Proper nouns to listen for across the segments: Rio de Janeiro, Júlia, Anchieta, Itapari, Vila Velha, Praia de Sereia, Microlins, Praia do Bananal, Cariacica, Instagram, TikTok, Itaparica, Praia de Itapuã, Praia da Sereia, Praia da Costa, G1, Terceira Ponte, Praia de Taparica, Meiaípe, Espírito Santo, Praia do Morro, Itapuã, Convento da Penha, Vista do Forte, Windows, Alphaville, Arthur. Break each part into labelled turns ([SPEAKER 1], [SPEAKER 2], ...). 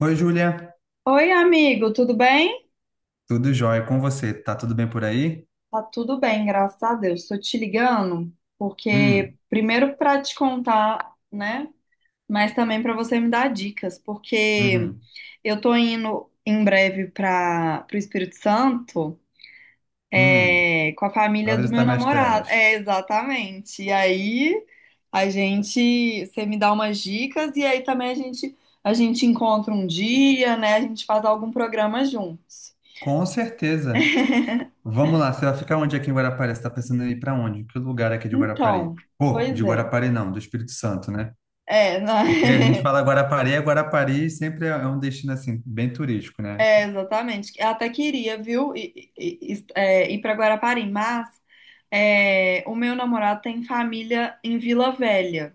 [SPEAKER 1] Oi, Júlia.
[SPEAKER 2] Oi, amigo, tudo bem?
[SPEAKER 1] Tudo jóia com você? Tá tudo bem por aí?
[SPEAKER 2] Tá tudo bem, graças a Deus. Estou te ligando porque
[SPEAKER 1] Hum,
[SPEAKER 2] primeiro para te contar, né? Mas também para você me dar dicas, porque
[SPEAKER 1] uhum,
[SPEAKER 2] eu tô indo em breve para o Espírito Santo,
[SPEAKER 1] hum.
[SPEAKER 2] é, com a
[SPEAKER 1] Vai
[SPEAKER 2] família do meu
[SPEAKER 1] visitar minhas
[SPEAKER 2] namorado.
[SPEAKER 1] terras.
[SPEAKER 2] É, exatamente. E aí a gente, você me dá umas dicas e aí também a gente encontra um dia, né? A gente faz algum programa juntos.
[SPEAKER 1] Com certeza. Vamos lá, você vai ficar onde aqui em Guarapari? Você tá pensando em ir para onde? Que lugar aqui de Guarapari?
[SPEAKER 2] Então,
[SPEAKER 1] Pô, de
[SPEAKER 2] pois é.
[SPEAKER 1] Guarapari não, do Espírito Santo, né?
[SPEAKER 2] É, não,
[SPEAKER 1] Porque a gente fala Guarapari, é Guarapari sempre é um destino assim, bem turístico, né?
[SPEAKER 2] é, exatamente. Eu até queria, viu, ir para Guarapari, mas o meu namorado tem família em Vila Velha.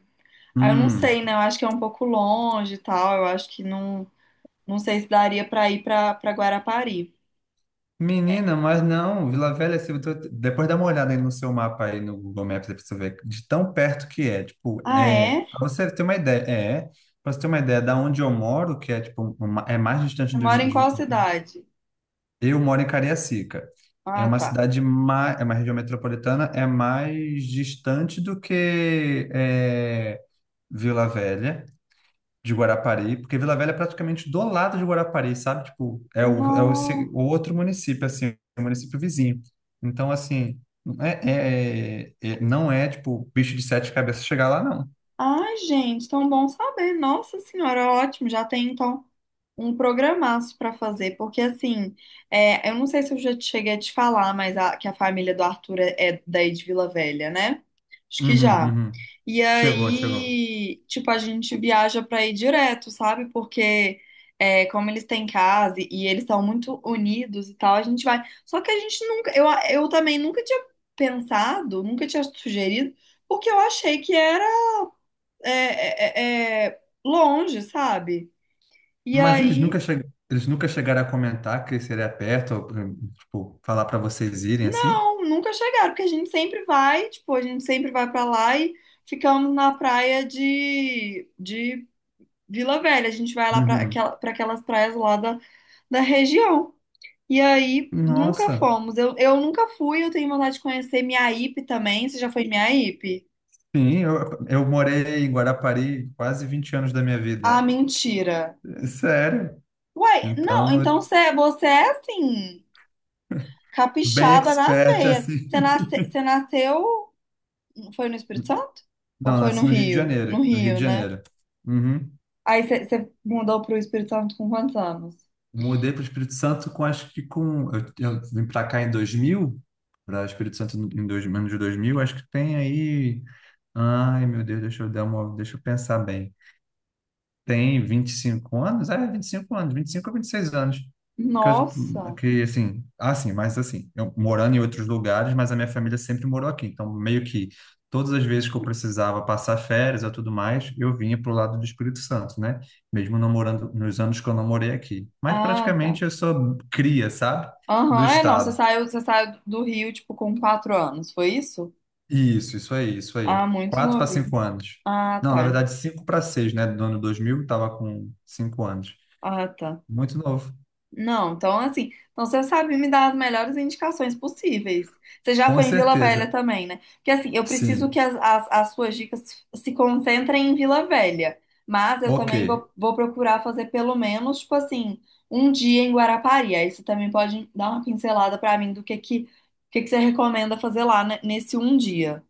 [SPEAKER 2] Aí eu não
[SPEAKER 1] Hum.
[SPEAKER 2] sei, né? Eu acho que é um pouco longe e tal. Eu acho que não, não sei se daria para ir para Guarapari.
[SPEAKER 1] Menina, mas não, Vila Velha, se eu tô- depois dá uma olhada aí no seu mapa aí no Google Maps, aí pra você ver de tão perto que é. Tipo,
[SPEAKER 2] Ah, é?
[SPEAKER 1] para você ter uma ideia, da onde eu moro, que é tipo, é mais distante
[SPEAKER 2] Você mora em qual cidade?
[SPEAKER 1] eu moro em Cariacica. É
[SPEAKER 2] Ah,
[SPEAKER 1] uma
[SPEAKER 2] tá.
[SPEAKER 1] cidade mais, é uma região metropolitana, é mais distante do que é, Vila Velha de Guarapari, porque Vila Velha é praticamente do lado de Guarapari, sabe? Tipo, é o, é o, se-
[SPEAKER 2] Nossa.
[SPEAKER 1] o outro município, assim, o município vizinho. Então, assim, não é, tipo, bicho de sete cabeças chegar lá, não.
[SPEAKER 2] Ai, gente, tão bom saber. Nossa Senhora, ótimo. Já tem então um programaço para fazer, porque assim, eu não sei se eu já te cheguei a te falar, mas que a família do Arthur é, é daí de Vila Velha, né? Acho que
[SPEAKER 1] Uhum,
[SPEAKER 2] já.
[SPEAKER 1] uhum.
[SPEAKER 2] E
[SPEAKER 1] Chegou, chegou.
[SPEAKER 2] aí, tipo, a gente viaja para ir direto, sabe? Porque é, como eles têm casa e eles são muito unidos e tal, a gente vai. Só que a gente nunca, eu também nunca tinha pensado, nunca tinha sugerido, porque eu achei que era longe, sabe? E
[SPEAKER 1] Mas eles nunca,
[SPEAKER 2] aí,
[SPEAKER 1] che... Eles nunca chegaram a comentar que seria perto, ou, tipo, falar para vocês irem, assim?
[SPEAKER 2] não, nunca chegaram, porque a gente sempre vai, tipo, a gente sempre vai pra lá e ficamos na praia de Vila Velha. A gente vai lá pra
[SPEAKER 1] Uhum.
[SPEAKER 2] aquela, pra aquelas praias lá da, da região. E aí, nunca
[SPEAKER 1] Nossa,
[SPEAKER 2] fomos. Eu nunca fui, eu tenho vontade de conhecer Miaípe também. Você já foi em Miaípe?
[SPEAKER 1] sim, eu morei em Guarapari quase 20 anos da minha
[SPEAKER 2] Ah,
[SPEAKER 1] vida.
[SPEAKER 2] mentira.
[SPEAKER 1] Sério?
[SPEAKER 2] Uai, não, então
[SPEAKER 1] Então,
[SPEAKER 2] você, você é assim,
[SPEAKER 1] bem
[SPEAKER 2] capixaba na
[SPEAKER 1] expert,
[SPEAKER 2] veia.
[SPEAKER 1] assim.
[SPEAKER 2] Você nasce, você nasceu foi no Espírito Santo? Ou
[SPEAKER 1] Não,
[SPEAKER 2] foi no
[SPEAKER 1] nasci no Rio de
[SPEAKER 2] Rio? No
[SPEAKER 1] Janeiro. No Rio de
[SPEAKER 2] Rio, né?
[SPEAKER 1] Janeiro. Uhum.
[SPEAKER 2] Aí você mudou pro Espírito Santo com quantos anos?
[SPEAKER 1] Mudei para o Espírito Santo com, acho que com... Eu vim para cá em 2000 para Espírito Santo em dois, menos de 2000. Acho que tem aí... Ai, meu Deus, deixa eu dar uma... Deixa eu pensar bem. Tem 25 anos? É, 25 anos, 25 a 26 anos. Que,
[SPEAKER 2] Nossa!
[SPEAKER 1] assim, mas assim, eu morando em outros lugares, mas a minha família sempre morou aqui. Então, meio que todas as vezes que eu precisava passar férias ou tudo mais, eu vinha para o lado do Espírito Santo, né? Mesmo não morando nos anos que eu não morei aqui. Mas
[SPEAKER 2] Ah, tá.
[SPEAKER 1] praticamente eu sou cria, sabe? Do
[SPEAKER 2] Aham, é, não,
[SPEAKER 1] estado.
[SPEAKER 2] você saiu do Rio, tipo, com 4 anos, foi isso?
[SPEAKER 1] Isso aí, isso
[SPEAKER 2] Ah,
[SPEAKER 1] aí.
[SPEAKER 2] muito
[SPEAKER 1] Quatro para
[SPEAKER 2] novinho.
[SPEAKER 1] cinco anos.
[SPEAKER 2] Ah,
[SPEAKER 1] Não, na
[SPEAKER 2] tá.
[SPEAKER 1] verdade, cinco para seis, né? Do ano 2000, estava com cinco anos.
[SPEAKER 2] Ah, tá.
[SPEAKER 1] Muito novo.
[SPEAKER 2] Não, então assim, então você sabe me dar as melhores indicações possíveis. Você já
[SPEAKER 1] Com
[SPEAKER 2] foi em Vila Velha
[SPEAKER 1] certeza,
[SPEAKER 2] também, né? Porque assim, eu preciso que
[SPEAKER 1] sim.
[SPEAKER 2] as suas dicas se concentrem em Vila Velha, mas eu
[SPEAKER 1] Ok,
[SPEAKER 2] também vou, vou procurar fazer pelo menos, tipo assim, um dia em Guarapari. Aí você também pode dar uma pincelada pra mim o que que você recomenda fazer lá, né, nesse um dia,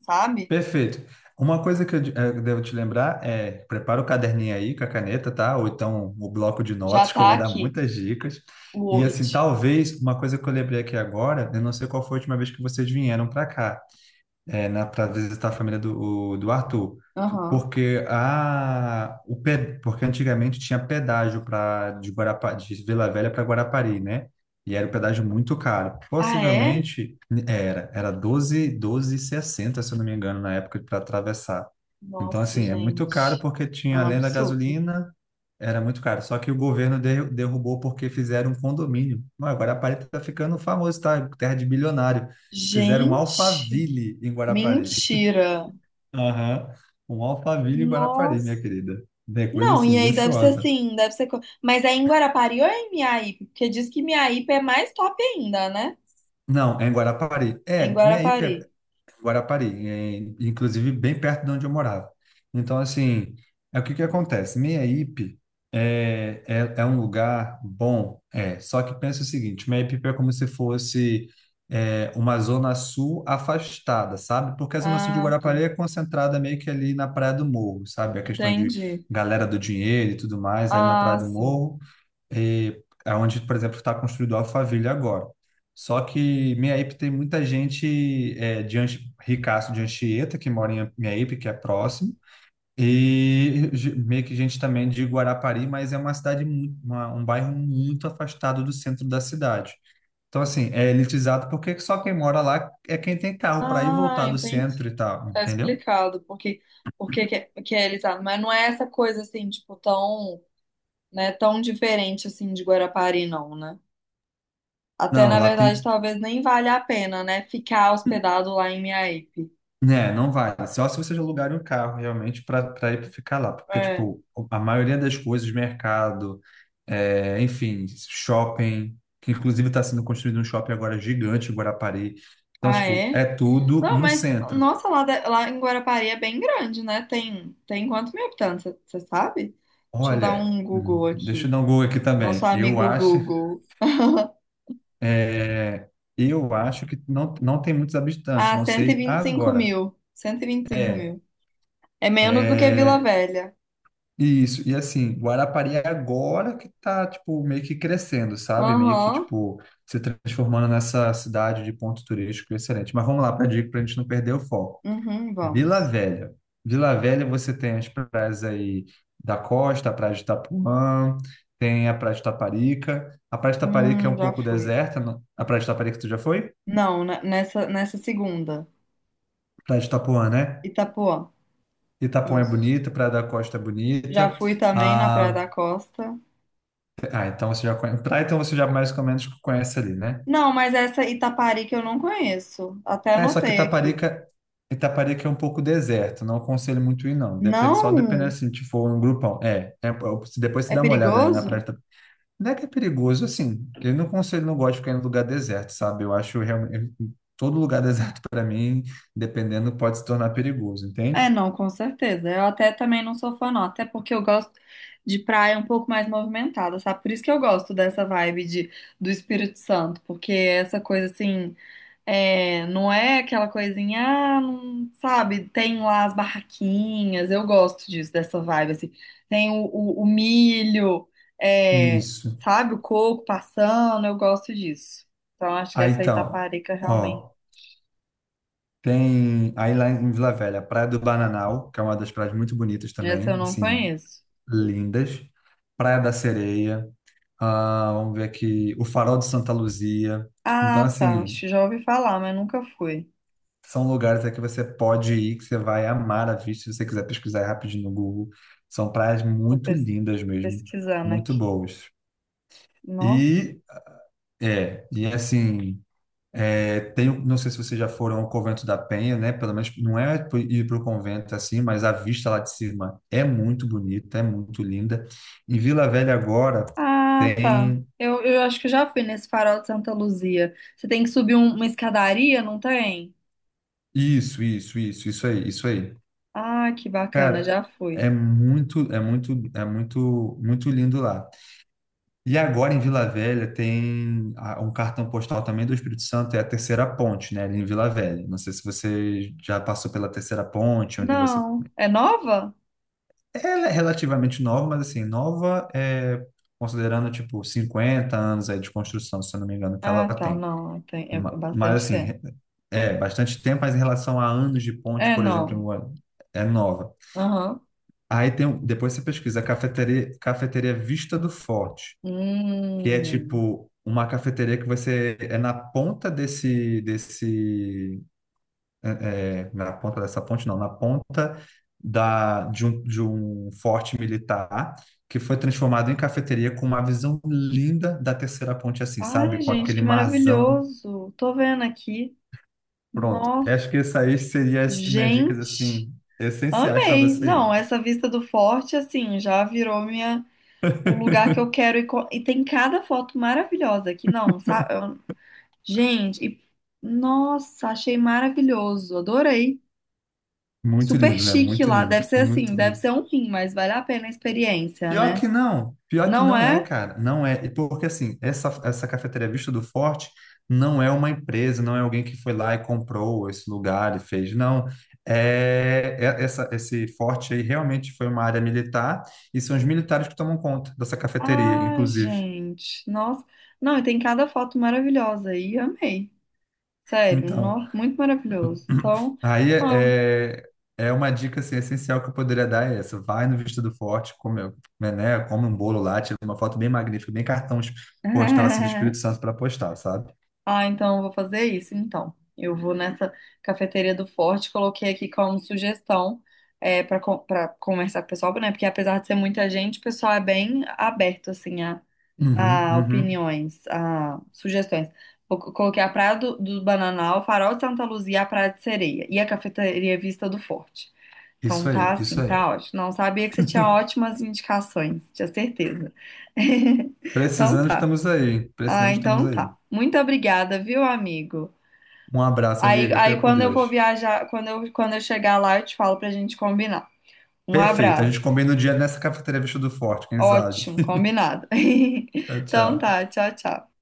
[SPEAKER 2] sabe?
[SPEAKER 1] perfeito. Uma coisa que eu devo te lembrar é, prepara o caderninho aí com a caneta, tá? Ou então o bloco de
[SPEAKER 2] Já
[SPEAKER 1] notas, que eu
[SPEAKER 2] tá
[SPEAKER 1] vou dar
[SPEAKER 2] aqui
[SPEAKER 1] muitas dicas.
[SPEAKER 2] o
[SPEAKER 1] E
[SPEAKER 2] Word.
[SPEAKER 1] assim, talvez, uma coisa que eu lembrei aqui agora, eu não sei qual foi a última vez que vocês vieram para cá, para visitar a família do Arthur.
[SPEAKER 2] Aham.
[SPEAKER 1] Porque, a, o, pe- Porque antigamente tinha pedágio de Vila Velha para Guarapari, né? E era um pedágio muito caro.
[SPEAKER 2] Ah, é?
[SPEAKER 1] Possivelmente era 12, sessenta, se eu não me engano, na época para atravessar. Então,
[SPEAKER 2] Nossa,
[SPEAKER 1] assim, é muito caro
[SPEAKER 2] gente.
[SPEAKER 1] porque
[SPEAKER 2] É
[SPEAKER 1] tinha,
[SPEAKER 2] um
[SPEAKER 1] além da
[SPEAKER 2] absurdo.
[SPEAKER 1] gasolina, era muito caro. Só que o governo derrubou porque fizeram um condomínio. Não, Guarapari está ficando famoso, tá? Terra de bilionário. Fizeram um
[SPEAKER 2] Gente,
[SPEAKER 1] Alphaville em Guarapari.
[SPEAKER 2] mentira.
[SPEAKER 1] Aham. Um Alphaville em Guarapari, minha
[SPEAKER 2] Nossa.
[SPEAKER 1] querida. É coisa
[SPEAKER 2] Não,
[SPEAKER 1] assim,
[SPEAKER 2] e aí deve ser
[SPEAKER 1] luxuosa.
[SPEAKER 2] assim, Mas é em Guarapari ou é em Miaípe? Porque diz que Miaípe é mais top ainda, né?
[SPEAKER 1] Não, é em Guarapari.
[SPEAKER 2] É em
[SPEAKER 1] É, minha IP é
[SPEAKER 2] Guarapari.
[SPEAKER 1] Guarapari, é, inclusive bem perto de onde eu morava. Então, assim, é o que que acontece? Minha IP é um lugar bom, é. Só que pensa o seguinte, minha IP é como se fosse uma zona sul afastada, sabe? Porque a zona sul de
[SPEAKER 2] Ah, tá.
[SPEAKER 1] Guarapari é concentrada meio que ali na Praia do Morro, sabe? A questão de
[SPEAKER 2] Entendi.
[SPEAKER 1] galera do dinheiro e tudo mais, ali na Praia
[SPEAKER 2] Ah,
[SPEAKER 1] do
[SPEAKER 2] sim.
[SPEAKER 1] Morro. E aonde, por exemplo, está construído a Alphaville agora. Só que Meiaípe tem muita gente de Ricaço de Anchieta, que mora em Meiaípe, que é próximo, e meio que gente também de Guarapari, mas é uma cidade, um bairro muito afastado do centro da cidade. Então, assim, é elitizado porque só quem mora lá é quem tem carro para ir e
[SPEAKER 2] Ah,
[SPEAKER 1] voltar do
[SPEAKER 2] entendi.
[SPEAKER 1] centro e tal,
[SPEAKER 2] Tá
[SPEAKER 1] entendeu?
[SPEAKER 2] explicado porque que é elitado. Mas não é essa coisa assim, tipo, tão, né, tão diferente assim de Guarapari, não, né? Até
[SPEAKER 1] Não,
[SPEAKER 2] na
[SPEAKER 1] lá
[SPEAKER 2] verdade,
[SPEAKER 1] tem.
[SPEAKER 2] talvez nem valha a pena, né, ficar hospedado lá em Miaípe.
[SPEAKER 1] Né, não vale. Só se vocês alugarem um carro realmente para ir ficar lá. Porque,
[SPEAKER 2] É.
[SPEAKER 1] tipo, a maioria das coisas, mercado, é, enfim, shopping, que inclusive está sendo construído um shopping agora gigante em Guarapari. Então,
[SPEAKER 2] Ah,
[SPEAKER 1] tipo, é
[SPEAKER 2] é?
[SPEAKER 1] tudo
[SPEAKER 2] Não,
[SPEAKER 1] no
[SPEAKER 2] mas,
[SPEAKER 1] centro.
[SPEAKER 2] nossa, lá em Guarapari é bem grande, né? Tem quantos mil habitantes, você sabe? Deixa eu dar
[SPEAKER 1] Olha,
[SPEAKER 2] um Google
[SPEAKER 1] deixa eu
[SPEAKER 2] aqui.
[SPEAKER 1] dar um Google aqui
[SPEAKER 2] Nosso
[SPEAKER 1] também.
[SPEAKER 2] amigo Google.
[SPEAKER 1] É, eu acho que não, não tem muitos habitantes,
[SPEAKER 2] Ah,
[SPEAKER 1] não
[SPEAKER 2] cento e e
[SPEAKER 1] sei
[SPEAKER 2] vinte e cinco
[SPEAKER 1] agora.
[SPEAKER 2] mil. cento e e vinte e cinco
[SPEAKER 1] É,
[SPEAKER 2] mil. É menos do que Vila
[SPEAKER 1] é,
[SPEAKER 2] Velha.
[SPEAKER 1] Isso, e assim, Guarapari é agora que tá, tipo, meio que crescendo, sabe? Meio que,
[SPEAKER 2] Aham.
[SPEAKER 1] tipo, se transformando nessa cidade de ponto turístico excelente. Mas vamos lá para a dica, para a gente não perder o foco.
[SPEAKER 2] Uhum,
[SPEAKER 1] Vila
[SPEAKER 2] vamos.
[SPEAKER 1] Velha. Vila Velha você tem as praias aí da Costa, a Praia de Itapuã, tem a Praia de Taparica. A Praia de Taparica é um
[SPEAKER 2] Já
[SPEAKER 1] pouco
[SPEAKER 2] fui.
[SPEAKER 1] deserta. A Praia de Taparica tu já foi?
[SPEAKER 2] Não, nessa, nessa segunda.
[SPEAKER 1] Praia de Itapuã, né?
[SPEAKER 2] Itapuã.
[SPEAKER 1] Itapuã é
[SPEAKER 2] Isso.
[SPEAKER 1] bonita, Praia da Costa é
[SPEAKER 2] Já
[SPEAKER 1] bonita.
[SPEAKER 2] fui também na Praia
[SPEAKER 1] Ah,
[SPEAKER 2] da Costa.
[SPEAKER 1] Ah, então você já conhece. Praia, então você já mais ou menos conhece ali, né?
[SPEAKER 2] Não, mas essa Itapari que eu não conheço. Até
[SPEAKER 1] É, só que
[SPEAKER 2] anotei aqui.
[SPEAKER 1] Itaparica é um pouco deserto, não aconselho muito ir, não. Depende, só depende
[SPEAKER 2] Não,
[SPEAKER 1] assim, se for um grupão. Se depois você
[SPEAKER 2] é
[SPEAKER 1] dá uma olhada ali na
[SPEAKER 2] perigoso?
[SPEAKER 1] praia. Não é que é perigoso, assim. Eu não conselho, não gosto de ficar em lugar deserto, sabe? Eu acho realmente. Todo lugar deserto, para mim, dependendo, pode se tornar perigoso,
[SPEAKER 2] É,
[SPEAKER 1] entende?
[SPEAKER 2] não, com certeza. Eu até também não sou fã, não. Até porque eu gosto de praia um pouco mais movimentada, sabe? Por isso que eu gosto dessa vibe de, do Espírito Santo, porque essa coisa assim, não é aquela coisinha, ah, não, sabe? Tem lá as barraquinhas, eu gosto disso, dessa vibe, assim. Tem o milho, é,
[SPEAKER 1] Isso.
[SPEAKER 2] sabe? O coco passando, eu gosto disso. Então acho que
[SPEAKER 1] Aí
[SPEAKER 2] essa
[SPEAKER 1] então,
[SPEAKER 2] Itaparica realmente,
[SPEAKER 1] ó, tem aí lá em Vila Velha, Praia do Bananal, que é uma das praias muito bonitas
[SPEAKER 2] essa eu
[SPEAKER 1] também,
[SPEAKER 2] não
[SPEAKER 1] assim,
[SPEAKER 2] conheço.
[SPEAKER 1] lindas. Praia da Sereia, ah, vamos ver aqui, o Farol de Santa Luzia. Então,
[SPEAKER 2] Ah, tá. Acho
[SPEAKER 1] assim,
[SPEAKER 2] que já ouvi falar, mas nunca fui.
[SPEAKER 1] são lugares aí que você pode ir, que você vai amar a vista, se você quiser pesquisar aí rapidinho no Google. São praias
[SPEAKER 2] Tô
[SPEAKER 1] muito
[SPEAKER 2] pes-
[SPEAKER 1] lindas mesmo,
[SPEAKER 2] pesquisando
[SPEAKER 1] muito
[SPEAKER 2] aqui.
[SPEAKER 1] boas.
[SPEAKER 2] Nossa.
[SPEAKER 1] E, e assim, tem, não sei se vocês já foram ao Convento da Penha, né? Pelo menos não é ir para o convento assim, mas a vista lá de cima é muito bonita, é muito linda. Em Vila Velha agora,
[SPEAKER 2] Ah, tá.
[SPEAKER 1] tem.
[SPEAKER 2] Eu acho que já fui nesse farol de Santa Luzia. Você tem que subir uma escadaria, não tem?
[SPEAKER 1] Isso aí, isso aí.
[SPEAKER 2] Ah, que bacana,
[SPEAKER 1] Cara,
[SPEAKER 2] já fui.
[SPEAKER 1] é muito, é muito, é muito, muito lindo lá. E agora em Vila Velha tem um cartão postal também do Espírito Santo, é a Terceira Ponte, né, ali em Vila Velha. Não sei se você já passou pela Terceira Ponte, onde você...
[SPEAKER 2] Não. É nova?
[SPEAKER 1] Ela é relativamente nova, mas assim, nova é considerando, tipo, 50 anos aí de construção, se eu não me engano, que ela
[SPEAKER 2] Ah, tá.
[SPEAKER 1] tem.
[SPEAKER 2] Não, tem, é
[SPEAKER 1] Ma- Mas
[SPEAKER 2] bastante
[SPEAKER 1] assim,
[SPEAKER 2] tempo.
[SPEAKER 1] é bastante tempo, mas em relação a anos de ponte,
[SPEAKER 2] É,
[SPEAKER 1] por exemplo,
[SPEAKER 2] não.
[SPEAKER 1] é nova.
[SPEAKER 2] Aham.
[SPEAKER 1] Aí tem, depois você pesquisa cafeteria, cafeteria Vista do Forte, que é
[SPEAKER 2] Hum.
[SPEAKER 1] tipo uma cafeteria que você é na ponta é, na ponta dessa ponte não, na ponta de um forte militar que foi transformado em cafeteria com uma visão linda da terceira ponte assim, sabe?
[SPEAKER 2] Ai,
[SPEAKER 1] Com
[SPEAKER 2] gente,
[SPEAKER 1] aquele
[SPEAKER 2] que
[SPEAKER 1] marzão.
[SPEAKER 2] maravilhoso. Tô vendo aqui.
[SPEAKER 1] Pronto.
[SPEAKER 2] Nossa,
[SPEAKER 1] Acho que isso aí seria as minhas dicas
[SPEAKER 2] gente.
[SPEAKER 1] assim essenciais para
[SPEAKER 2] Amei.
[SPEAKER 1] você
[SPEAKER 2] Não,
[SPEAKER 1] ir.
[SPEAKER 2] essa vista do forte, assim, já virou minha o lugar que eu quero ir. E tem cada foto maravilhosa aqui, não, sabe? Gente, nossa, achei maravilhoso, adorei.
[SPEAKER 1] Muito
[SPEAKER 2] Super
[SPEAKER 1] lindo, né?
[SPEAKER 2] chique
[SPEAKER 1] Muito
[SPEAKER 2] lá. Deve
[SPEAKER 1] lindo,
[SPEAKER 2] ser
[SPEAKER 1] muito,
[SPEAKER 2] assim, deve
[SPEAKER 1] muito.
[SPEAKER 2] ser um rim, mas vale a pena a experiência, né?
[SPEAKER 1] Pior que
[SPEAKER 2] Não
[SPEAKER 1] não é,
[SPEAKER 2] é?
[SPEAKER 1] cara, não é. E porque assim, essa cafeteria Vista do Forte não é uma empresa, não é alguém que foi lá e comprou esse lugar e fez, não, essa, esse forte aí realmente foi uma área militar e são os militares que tomam conta dessa cafeteria,
[SPEAKER 2] Ah,
[SPEAKER 1] inclusive.
[SPEAKER 2] gente, nossa. Não, e tem cada foto maravilhosa aí, amei. Sério,
[SPEAKER 1] Então,
[SPEAKER 2] nossa, muito maravilhoso. Então,
[SPEAKER 1] aí
[SPEAKER 2] ó.
[SPEAKER 1] é uma dica assim, essencial que eu poderia dar é essa, vai no Vista do Forte, come, né, come um bolo lá, tira uma foto bem magnífica, bem cartão postal assim, do Espírito Santo para postar, sabe?
[SPEAKER 2] Ah, então eu vou fazer isso, então. Eu vou nessa cafeteria do Forte, coloquei aqui como sugestão é, para conversar com o pessoal, né? Porque apesar de ser muita gente, o pessoal é bem aberto, assim,
[SPEAKER 1] Uhum,
[SPEAKER 2] a
[SPEAKER 1] uhum.
[SPEAKER 2] opiniões, a sugestões. Coloquei a Praia do Bananal, o Farol de Santa Luzia, a Praia de Sereia e a cafeteria Vista do Forte.
[SPEAKER 1] Isso
[SPEAKER 2] Então tá
[SPEAKER 1] aí,
[SPEAKER 2] assim,
[SPEAKER 1] isso aí.
[SPEAKER 2] tá ótimo. Não sabia que você tinha ótimas indicações, tinha certeza. Então
[SPEAKER 1] Precisando,
[SPEAKER 2] tá.
[SPEAKER 1] estamos aí.
[SPEAKER 2] Ah,
[SPEAKER 1] Precisamos, estamos
[SPEAKER 2] então
[SPEAKER 1] aí.
[SPEAKER 2] tá. Muito obrigada, viu, amigo?
[SPEAKER 1] Um abraço,
[SPEAKER 2] Aí,
[SPEAKER 1] amiga. Fica com Deus.
[SPEAKER 2] quando eu chegar lá, eu te falo pra gente combinar. Um
[SPEAKER 1] Perfeito. A gente
[SPEAKER 2] abraço.
[SPEAKER 1] combina o dia nessa cafeteria Vestido Forte, quem sabe?
[SPEAKER 2] Ótimo, combinado.
[SPEAKER 1] Tchau,
[SPEAKER 2] Então tá,
[SPEAKER 1] tchau.
[SPEAKER 2] tchau, tchau.